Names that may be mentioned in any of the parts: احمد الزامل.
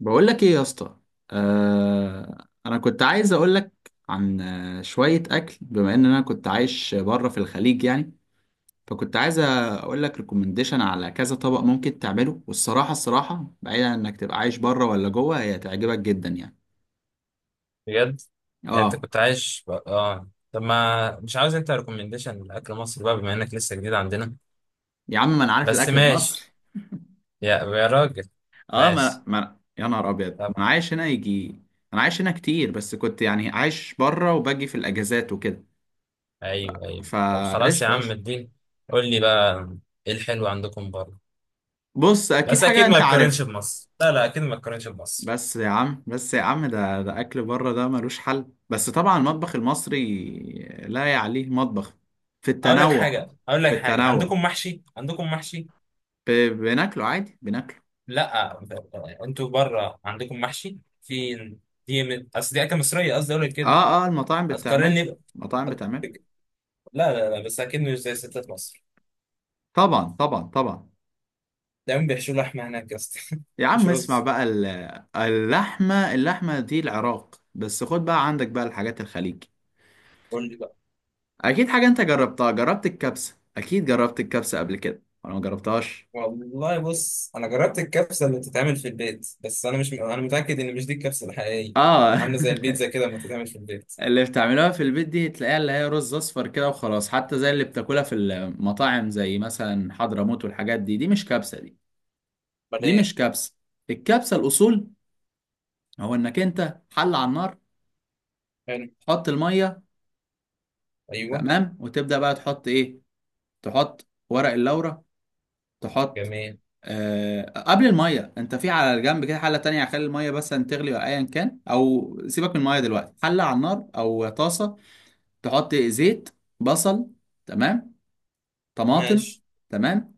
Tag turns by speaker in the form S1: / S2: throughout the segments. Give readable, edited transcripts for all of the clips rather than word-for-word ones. S1: بقول لك ايه يا اسطى. انا كنت عايز اقول لك عن شويه اكل، بما ان انا كنت عايش بره في الخليج يعني. فكنت عايز اقول لك ريكومنديشن على كذا طبق ممكن تعمله، والصراحه الصراحه، بعيدا عن انك تبقى عايش بره ولا جوه، هي تعجبك جدا يعني.
S2: بجد؟ يعني انت
S1: اه.
S2: كنت عايش بقى. اه، طب ما مش عاوز انت ريكومنديشن لاكل مصر بقى بما انك لسه جديد عندنا؟
S1: يا عم ما انا عارف
S2: بس
S1: الاكل المصري.
S2: ماشي. يا راجل.
S1: اه ما,
S2: ماشي.
S1: ما يا نهار ابيض، ما
S2: طب،
S1: انا عايش هنا يجي. انا عايش هنا كتير، بس كنت يعني عايش بره وباجي في الاجازات وكده.
S2: ايوه ايوه، طب خلاص يا
S1: فقشطه
S2: عم
S1: قشطه.
S2: الدين، قول لي بقى، ايه الحلو عندكم بره؟
S1: بص اكيد
S2: بس
S1: حاجه
S2: اكيد ما
S1: انت
S2: يتقارنش
S1: عارفها.
S2: بمصر، لا لا، اكيد ما يتقارنش بمصر.
S1: بس يا عم ده اكل بره ده ملوش حل، بس طبعا المطبخ المصري لا يعليه مطبخ في
S2: اقول لك
S1: التنوع.
S2: حاجه اقول
S1: في
S2: لك حاجه
S1: التنوع.
S2: عندكم محشي؟
S1: بناكله عادي بناكله.
S2: لا، انتوا بره عندكم محشي؟ في، دي اصل دي اكله مصريه، قصدي اقول لك كده.
S1: اه اه، المطاعم
S2: هتقارن
S1: بتعمله.
S2: لي؟
S1: المطاعم بتعمله.
S2: لا لا لا، بس اكيد مش زي ستات مصر.
S1: طبعا طبعا طبعا.
S2: دايما بيحشوا لحمه هناك يا اسطى.
S1: يا
S2: مش
S1: عم اسمع
S2: رز.
S1: بقى اللحمة دي العراق، بس خد بقى عندك بقى الحاجات الخليج.
S2: قول لي بقى.
S1: اكيد حاجة انت جربتها، جربت الكبسة، اكيد جربت الكبسة قبل كده ولا ما جربتهاش؟
S2: والله بص انا جربت الكبسه اللي بتتعمل في البيت، بس انا مش انا متاكد ان مش دي الكبسه الحقيقيه.
S1: اه.
S2: عامله زي البيتزا كده لما تتعمل في البيت.
S1: اللي بتعملوها في البيت دي تلاقيها اللي هي رز اصفر كده وخلاص، حتى زي اللي بتاكلها في المطاعم زي مثلا حضرموت والحاجات دي، دي مش كبسه دي.
S2: امال
S1: دي
S2: ايه؟
S1: مش كبسه. الكبسه الاصول، هو انك انت حل على النار،
S2: حلو.
S1: تحط الميه،
S2: ايوه.
S1: تمام، وتبدا بقى تحط ايه؟ تحط ورق اللورة، تحط.
S2: جميل.
S1: قبل الميه، انت في على الجنب كده حله تانية، خلي الميه بس أن تغلي ولا ايا كان، او سيبك من الميه دلوقتي، حله على النار او طاسه، تحط زيت، بصل، تمام، طماطم،
S2: ماشي.
S1: تمام.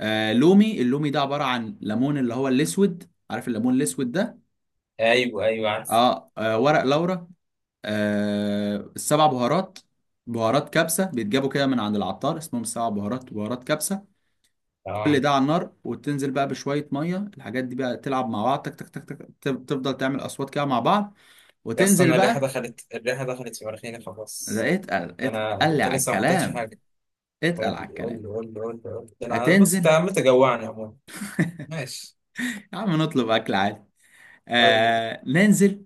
S1: لومي، اللومي ده عبارة عن ليمون، اللي هو الأسود، عارف الليمون الأسود ده.
S2: ايوه ايوه، عارف.
S1: ورق لورا، السبع بهارات، بهارات كبسة بيتجابوا كده من عند العطار، اسمهم السبع بهارات، بهارات كبسة. كل
S2: اه
S1: ده على النار، وتنزل بقى بشوية مية، الحاجات دي بقى تلعب مع بعض، تك تك تك تك، تفضل تعمل أصوات كده مع بعض،
S2: يا اسطى،
S1: وتنزل
S2: انا الريحه
S1: بقى.
S2: دخلت، الريحه دخلت في مناخيري خلاص.
S1: ده اتقل اتقل
S2: انت
S1: على
S2: لسه ما حطيتش
S1: الكلام.
S2: حاجه.
S1: اتقل
S2: قول لي
S1: على
S2: قول
S1: الكلام.
S2: لي قول لي قول لي قول لي. انا بص، انت
S1: هتنزل.
S2: عمال تجوعني عموما. ماشي.
S1: يا عم نطلب أكل عادي.
S2: قول لي.
S1: ننزل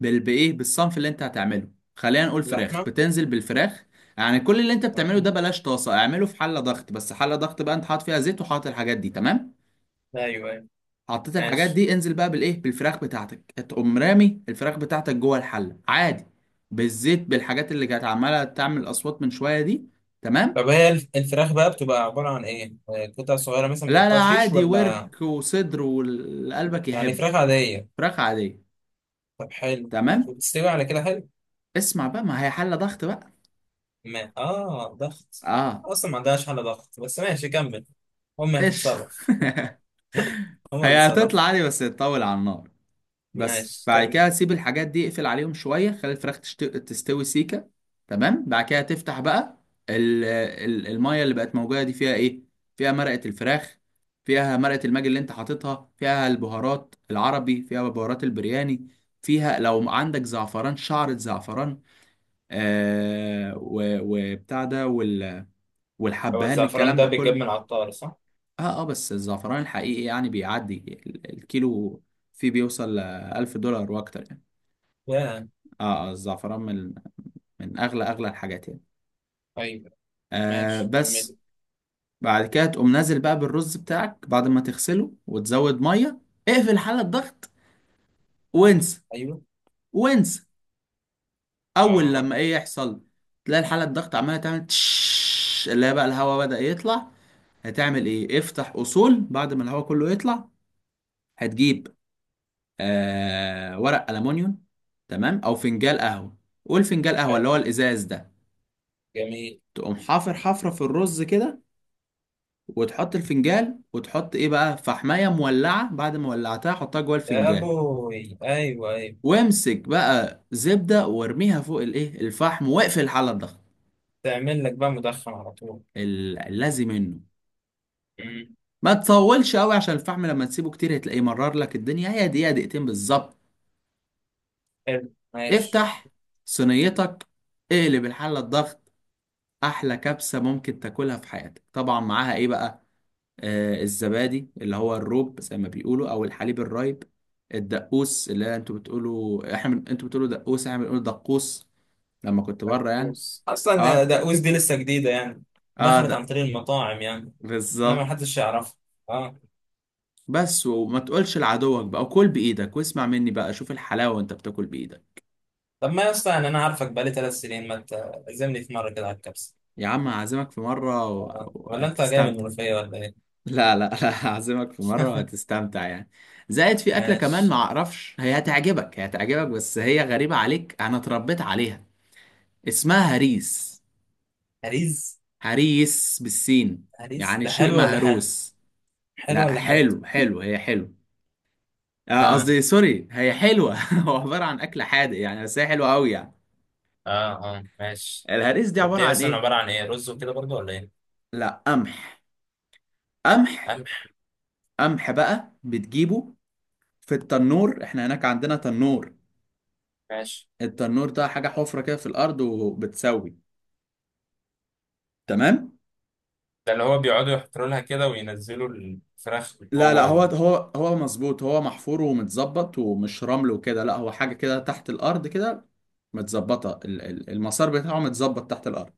S1: بايه، بالصنف اللي انت هتعمله، خلينا نقول فراخ،
S2: اللحمه.
S1: بتنزل بالفراخ. يعني كل اللي انت
S2: آه.
S1: بتعمله ده بلاش طاسه، اعمله في حله ضغط، بس حله ضغط بقى انت حاطط فيها زيت وحاطط الحاجات دي، تمام.
S2: ايوه ايوه.
S1: حطيت الحاجات
S2: ماشي.
S1: دي، انزل بقى بالايه، بالفراخ بتاعتك، تقوم رامي الفراخ بتاعتك جوه الحله عادي، بالزيت، بالحاجات اللي كانت عماله تعمل اصوات من شويه دي، تمام.
S2: طب هي الفراخ بقى بتبقى عبارة عن ايه؟ قطع صغيرة مثلا
S1: لا لا
S2: متقطعة شيش،
S1: عادي،
S2: ولا
S1: ورك وصدر واللي قلبك
S2: يعني
S1: يحب.
S2: فراخ عادية؟
S1: فراخ عاديه.
S2: طب حلو، ماشي،
S1: تمام.
S2: بتستوي على كده حلو؟
S1: اسمع بقى، ما هي حله ضغط بقى.
S2: ما اه، ضغط؟
S1: اه.
S2: اصلا ما عندهاش حالة ضغط، بس ماشي كمل. هم
S1: ايش؟
S2: هتتصرف. هم
S1: هي
S2: بيتصرفوا.
S1: هتطلع عادي بس تطول على النار. بس
S2: ماشي
S1: بعد
S2: كمل.
S1: كده تسيب الحاجات دي، اقفل عليهم شوية، خلي الفراخ تستوي سيكة، تمام، بعد كده تفتح بقى. المية اللي بقت موجودة دي فيها ايه؟ فيها مرقة الفراخ، فيها مرقة الماجي اللي انت حاططها، فيها البهارات العربي، فيها بهارات البرياني، فيها لو عندك زعفران، شعرة زعفران، وبتاع ده،
S2: هو
S1: والحبهان،
S2: الزعفران
S1: الكلام
S2: ده
S1: ده
S2: بيتجاب من
S1: كله.
S2: العطار صح؟
S1: اه اه، بس الزعفران الحقيقي يعني بيعدي الكيلو، فيه بيوصل لألف دولار وأكتر يعني.
S2: يا.
S1: اه اه، الزعفران من أغلى أغلى الحاجات يعني.
S2: ايوه. ماشي
S1: بس،
S2: كمل.
S1: بعد كده تقوم نازل بقى بالرز بتاعك بعد ما تغسله وتزود مية. اقفل حالة الضغط، وانسى.
S2: ايوه.
S1: وانسى. أول
S2: اه.
S1: لما إيه يحصل؟ تلاقي الحالة الضغط عمالة تعمل تش، اللي هي بقى الهواء بدأ يطلع. هتعمل إيه؟ افتح أصول بعد ما الهواء كله يطلع. هتجيب ورق ألمونيوم، تمام، أو فنجان قهوة، قول فنجان قهوة اللي
S2: حلو.
S1: هو الإزاز ده.
S2: جميل.
S1: تقوم حافر حفرة في الرز كده، وتحط الفنجان، وتحط إيه بقى؟ فحماية مولعة، بعد ما ولعتها حطها جوه
S2: يا
S1: الفنجان،
S2: ابوي، ايوه ايوه.
S1: وامسك بقى زبدة وارميها فوق الإيه، الفحم، واقفل على الضغط.
S2: تعمل لك بقى مدخن على طول.
S1: اللازم منه.
S2: مم.
S1: ما تطولش قوي، عشان الفحم لما تسيبه كتير هتلاقيه مرر لك الدنيا، هي دقيقة دقيقتين بالظبط.
S2: حلو، ماشي.
S1: افتح صينيتك، اقلب الحلة الضغط، احلى كبسه ممكن تاكلها في حياتك، طبعا معاها ايه بقى؟ الزبادي اللي هو الروب زي ما بيقولوا، او الحليب الرايب. الدقوس، اللي انتوا بتقولوا، انتوا بتقولوا دقوس، احنا بنقول دقوس، لما كنت بره يعني.
S2: بوس، اصلا
S1: اه.
S2: دقوس دي لسه جديده يعني،
S1: اه.
S2: دخلت
S1: ده
S2: عن طريق المطاعم يعني، انما
S1: بالظبط.
S2: محدش يعرفها. اه.
S1: بس وما تقولش لعدوك بقى، وكل بايدك، واسمع مني بقى، شوف الحلاوه وانت بتاكل بايدك.
S2: طب ما يا اسطى، يعني انا عارفك بقالي 3 سنين، ما تعزمني في مره كده على الكبسه؟
S1: يا عم هعزمك في مره و-
S2: آه. ولا انت جاي من
S1: وهتستمتع.
S2: المنوفيه ولا ايه؟
S1: لا لا لا. هعزمك في مرة وهتستمتع يعني. زائد في أكلة كمان، ما
S2: ماشي.
S1: أعرفش، هي هتعجبك، هي هتعجبك، بس هي غريبة عليك، أنا اتربيت عليها. اسمها هريس.
S2: هريز.
S1: هريس بالسين.
S2: هريز
S1: يعني
S2: ده
S1: شيء
S2: حلو ولا حادق؟
S1: مهروس.
S2: حلو
S1: لا،
S2: ولا حادق؟
S1: حلو حلو، هي حلو.
S2: اه.
S1: قصدي سوري، هي حلوة. هو عبارة عن أكل حادق يعني، بس هي حلوة أوي يعني.
S2: اه. اه ماشي.
S1: الهريس دي
S2: طب
S1: عبارة
S2: دي
S1: عن
S2: اصلا
S1: إيه؟
S2: عباره عن ايه، رز وكده برضه ولا ايه؟
S1: لا، قمح. قمح.
S2: قمح.
S1: قمح بقى بتجيبه في التنور، احنا هناك عندنا تنور.
S2: ماشي.
S1: التنور ده حاجة حفرة كده في الأرض وبتسوي، تمام.
S2: ده اللي هو بيقعدوا يحطوا لها كده وينزلوا الفراخ
S1: لا لا،
S2: جوه؟
S1: هو هو هو مظبوط، هو محفور ومتظبط، ومش رمل وكده، لا هو حاجة كده تحت الأرض كده، متظبطة، المسار بتاعه متظبط تحت الأرض.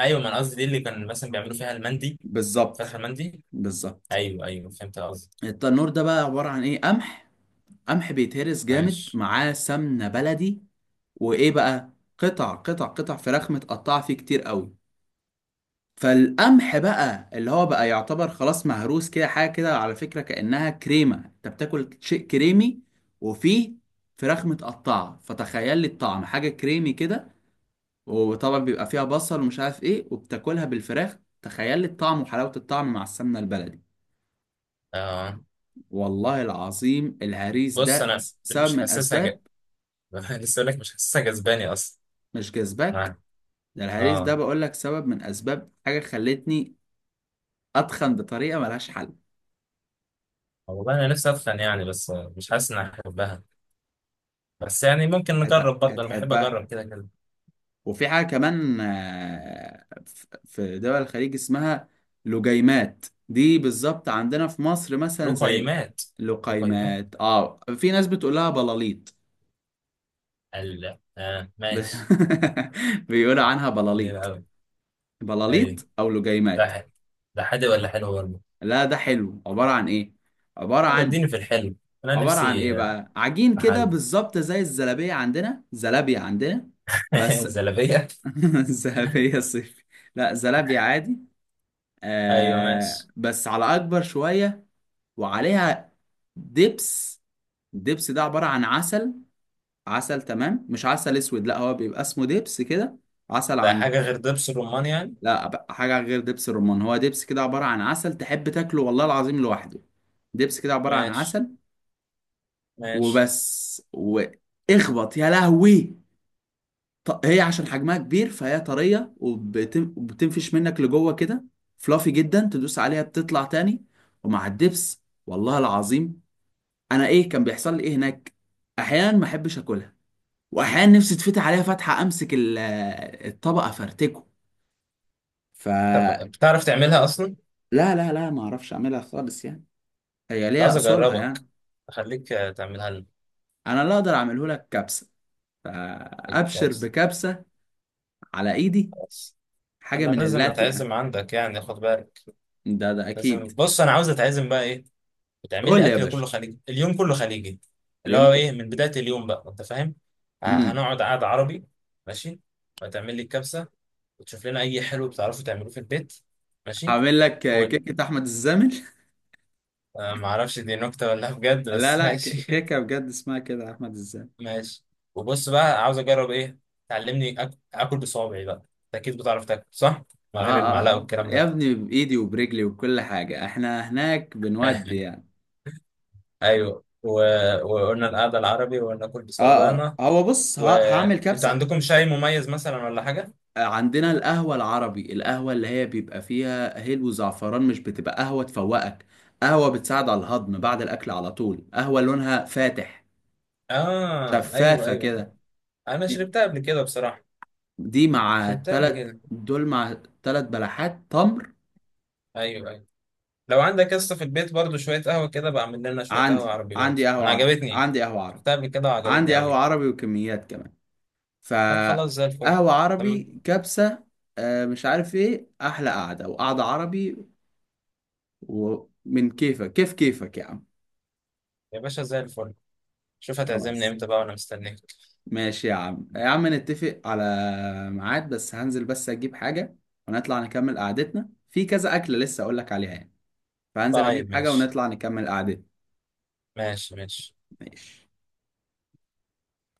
S2: ايوه، ما انا قصدي دي اللي كان مثلا بيعملوا فيها المندي. فاكر
S1: بالظبط.
S2: المندي؟
S1: بالظبط.
S2: ايوه ايوه، فهمت قصدي.
S1: التنور ده بقى عبارة عن إيه؟ قمح. قمح بيتهرس جامد،
S2: معلش.
S1: معاه سمنة بلدي، وإيه بقى؟ قطع قطع قطع، فراخ متقطعة فيه كتير قوي. فالقمح بقى اللي هو بقى يعتبر خلاص مهروس كده، حاجه كده على فكره كانها كريمه، انت بتاكل شيء كريمي، وفيه فراخ متقطعه، فتخيل لي الطعم، حاجه كريمي كده. وطبعا بيبقى فيها بصل ومش عارف ايه، وبتاكلها بالفراخ، تخيل لي الطعم وحلاوه الطعم مع السمنه البلدي.
S2: آه
S1: والله العظيم الهريس
S2: بص
S1: ده
S2: انا
S1: سبب
S2: مش
S1: من
S2: حاسسها
S1: اسباب.
S2: لسه اقول لك مش حاسسها جذباني اصلا.
S1: مش جذبك؟
S2: اه.
S1: ده الهريس ده
S2: اه.
S1: بقول لك سبب من اسباب حاجه خلتني اتخن بطريقه ملهاش حل.
S2: والله انا نفسي اتخن يعني، بس مش حاسس اني احبها. بس يعني ممكن نجرب برضه، انا بحب
S1: هتحبها.
S2: اجرب كده كده.
S1: وفي حاجة كمان، في دول الخليج اسمها لجيمات، دي بالظبط عندنا في مصر
S2: له
S1: مثلا زي
S2: قيمات. له قيمات.
S1: اللقيمات، اه، في ناس بتقول لها بلاليط.
S2: ال، اه،
S1: ب-
S2: ماشي.
S1: بيقولوا عنها
S2: حلو
S1: بلاليط.
S2: قوي. ايوه.
S1: بلاليط او
S2: ده
S1: لجيمات.
S2: حلو؟ ده حادق ولا حلو برضه؟
S1: لا ده حلو، عبارة عن ايه، عبارة عن،
S2: وديني في الحلو. انا
S1: عبارة عن
S2: نفسي
S1: ايه بقى؟ عجين
S2: في
S1: كده
S2: حلو.
S1: بالظبط زي الزلابية، عندنا زلابية، عندنا بس.
S2: زلابيه.
S1: زلابية صيفي. لا، زلابية عادي،
S2: ايوه ماشي.
S1: بس على اكبر شويه، وعليها دبس. الدبس ده عباره عن عسل، عسل، تمام، مش عسل اسود لا، هو بيبقى اسمه دبس كده، عسل
S2: ده
S1: عن
S2: حاجة غير دبس الرمان يعني؟
S1: لا، بقى حاجه غير دبس الرمان، هو دبس كده عباره عن عسل، تحب تاكله والله العظيم لوحده. دبس كده عباره عن
S2: ماشي
S1: عسل.
S2: ماشي.
S1: وبس واخبط يا لهوي. هي عشان حجمها كبير فهي طريه، وبتنفش منك لجوه كده، فلافي جدا، تدوس عليها بتطلع تاني. ومع الدبس والله العظيم. انا، ايه كان بيحصل لي ايه هناك، احيانا ما احبش اكلها، واحيانا نفسي تفتح عليها فتحه، امسك الطبق افرتكه.
S2: طب
S1: فلا.
S2: بتعرف تعملها أصلا؟ كنت
S1: لا لا لا، ما اعرفش اعملها خالص يعني، هي ليها
S2: عايز
S1: اصولها
S2: أجربك،
S1: يعني.
S2: أخليك، تعملها لنا
S1: انا لا اقدر اعمله لك كبسه. فابشر
S2: الكبسة.
S1: بكبسه على ايدي.
S2: خلاص.
S1: حاجه
S2: أنا
S1: من
S2: لازم
S1: اللاتي يعني.
S2: أتعزم عندك يعني، خد بالك.
S1: ده اكيد.
S2: لازم. بص، أنا عاوز أتعزم بقى إيه؟ بتعمل
S1: قول
S2: لي
S1: لي يا
S2: أكل
S1: باشا.
S2: كله خليجي، اليوم كله خليجي، اللي
S1: اليوم
S2: هو
S1: كو-
S2: إيه، من بداية اليوم بقى، أنت فاهم؟
S1: امم
S2: هنقعد قعدة عربي، ماشي؟ وتعمل لي الكبسة، وتشوف لنا أي حلو بتعرفوا تعملوه في البيت، ماشي؟
S1: هعمل لك
S2: و...
S1: كيكه احمد الزامل.
S2: آه، معرفش دي نكتة ولا بجد،
S1: لا
S2: بس
S1: لا،
S2: ماشي.
S1: كيكه بجد اسمها كده، احمد الزامل.
S2: ماشي. وبص بقى، عاوز اجرب ايه، تعلمني اكل بصوابعي بقى، انت اكيد بتعرف تاكل صح؟ من
S1: آه,
S2: غير
S1: آه,
S2: المعلقه والكلام
S1: يا
S2: ده.
S1: ابني، بإيدي وبرجلي وكل حاجة، احنا هناك بنودي يعني.
S2: ايوه. و... وقلنا القعده العربي، وقلنا اكل بصوابعنا.
S1: هو بص، هعمل
S2: وانتوا
S1: كبسة.
S2: عندكم شاي مميز مثلا ولا حاجه؟
S1: عندنا القهوة العربي، القهوة اللي هي بيبقى فيها هيل وزعفران، مش بتبقى قهوة تفوقك، قهوة بتساعد على الهضم بعد الأكل على طول، قهوة لونها فاتح،
S2: اه ايوه
S1: شفافة
S2: ايوه،
S1: كده.
S2: انا
S1: دي
S2: شربتها قبل كده بصراحه.
S1: دي مع
S2: شربتها قبل
S1: تلت،
S2: كده.
S1: دول مع تلت بلحات تمر.
S2: ايوه ايوه. لو عندك قصه في البيت برضو شويه قهوه، كده بعمل لنا شويه قهوه
S1: عندي
S2: عربي برضو،
S1: عندي قهوة
S2: انا
S1: عربي،
S2: عجبتني.
S1: عندي قهوة عربي.
S2: شفتها قبل كده وعجبتني
S1: عندي قهوة
S2: قوي.
S1: عربي وكميات كمان.
S2: طب خلاص زي الفل.
S1: فقهوة عربي،
S2: تمام.
S1: كبسة. مش عارف ايه، احلى قعدة، وقعدة عربي، ومن كيفك، كيف كيفك يا عم.
S2: يا باشا زي الفل. شوف هتعزمني
S1: خلاص.
S2: امتى بقى وانا مستنيك.
S1: ماشي يا عم، يا عم نتفق على ميعاد، بس هنزل بس اجيب حاجة، ونطلع نكمل قعدتنا في كذا أكلة لسه اقول لك عليها يعني. فهنزل اجيب
S2: طيب
S1: حاجة
S2: ماشي.
S1: ونطلع نكمل قعدتنا.
S2: ماشي ماشي.
S1: ماشي.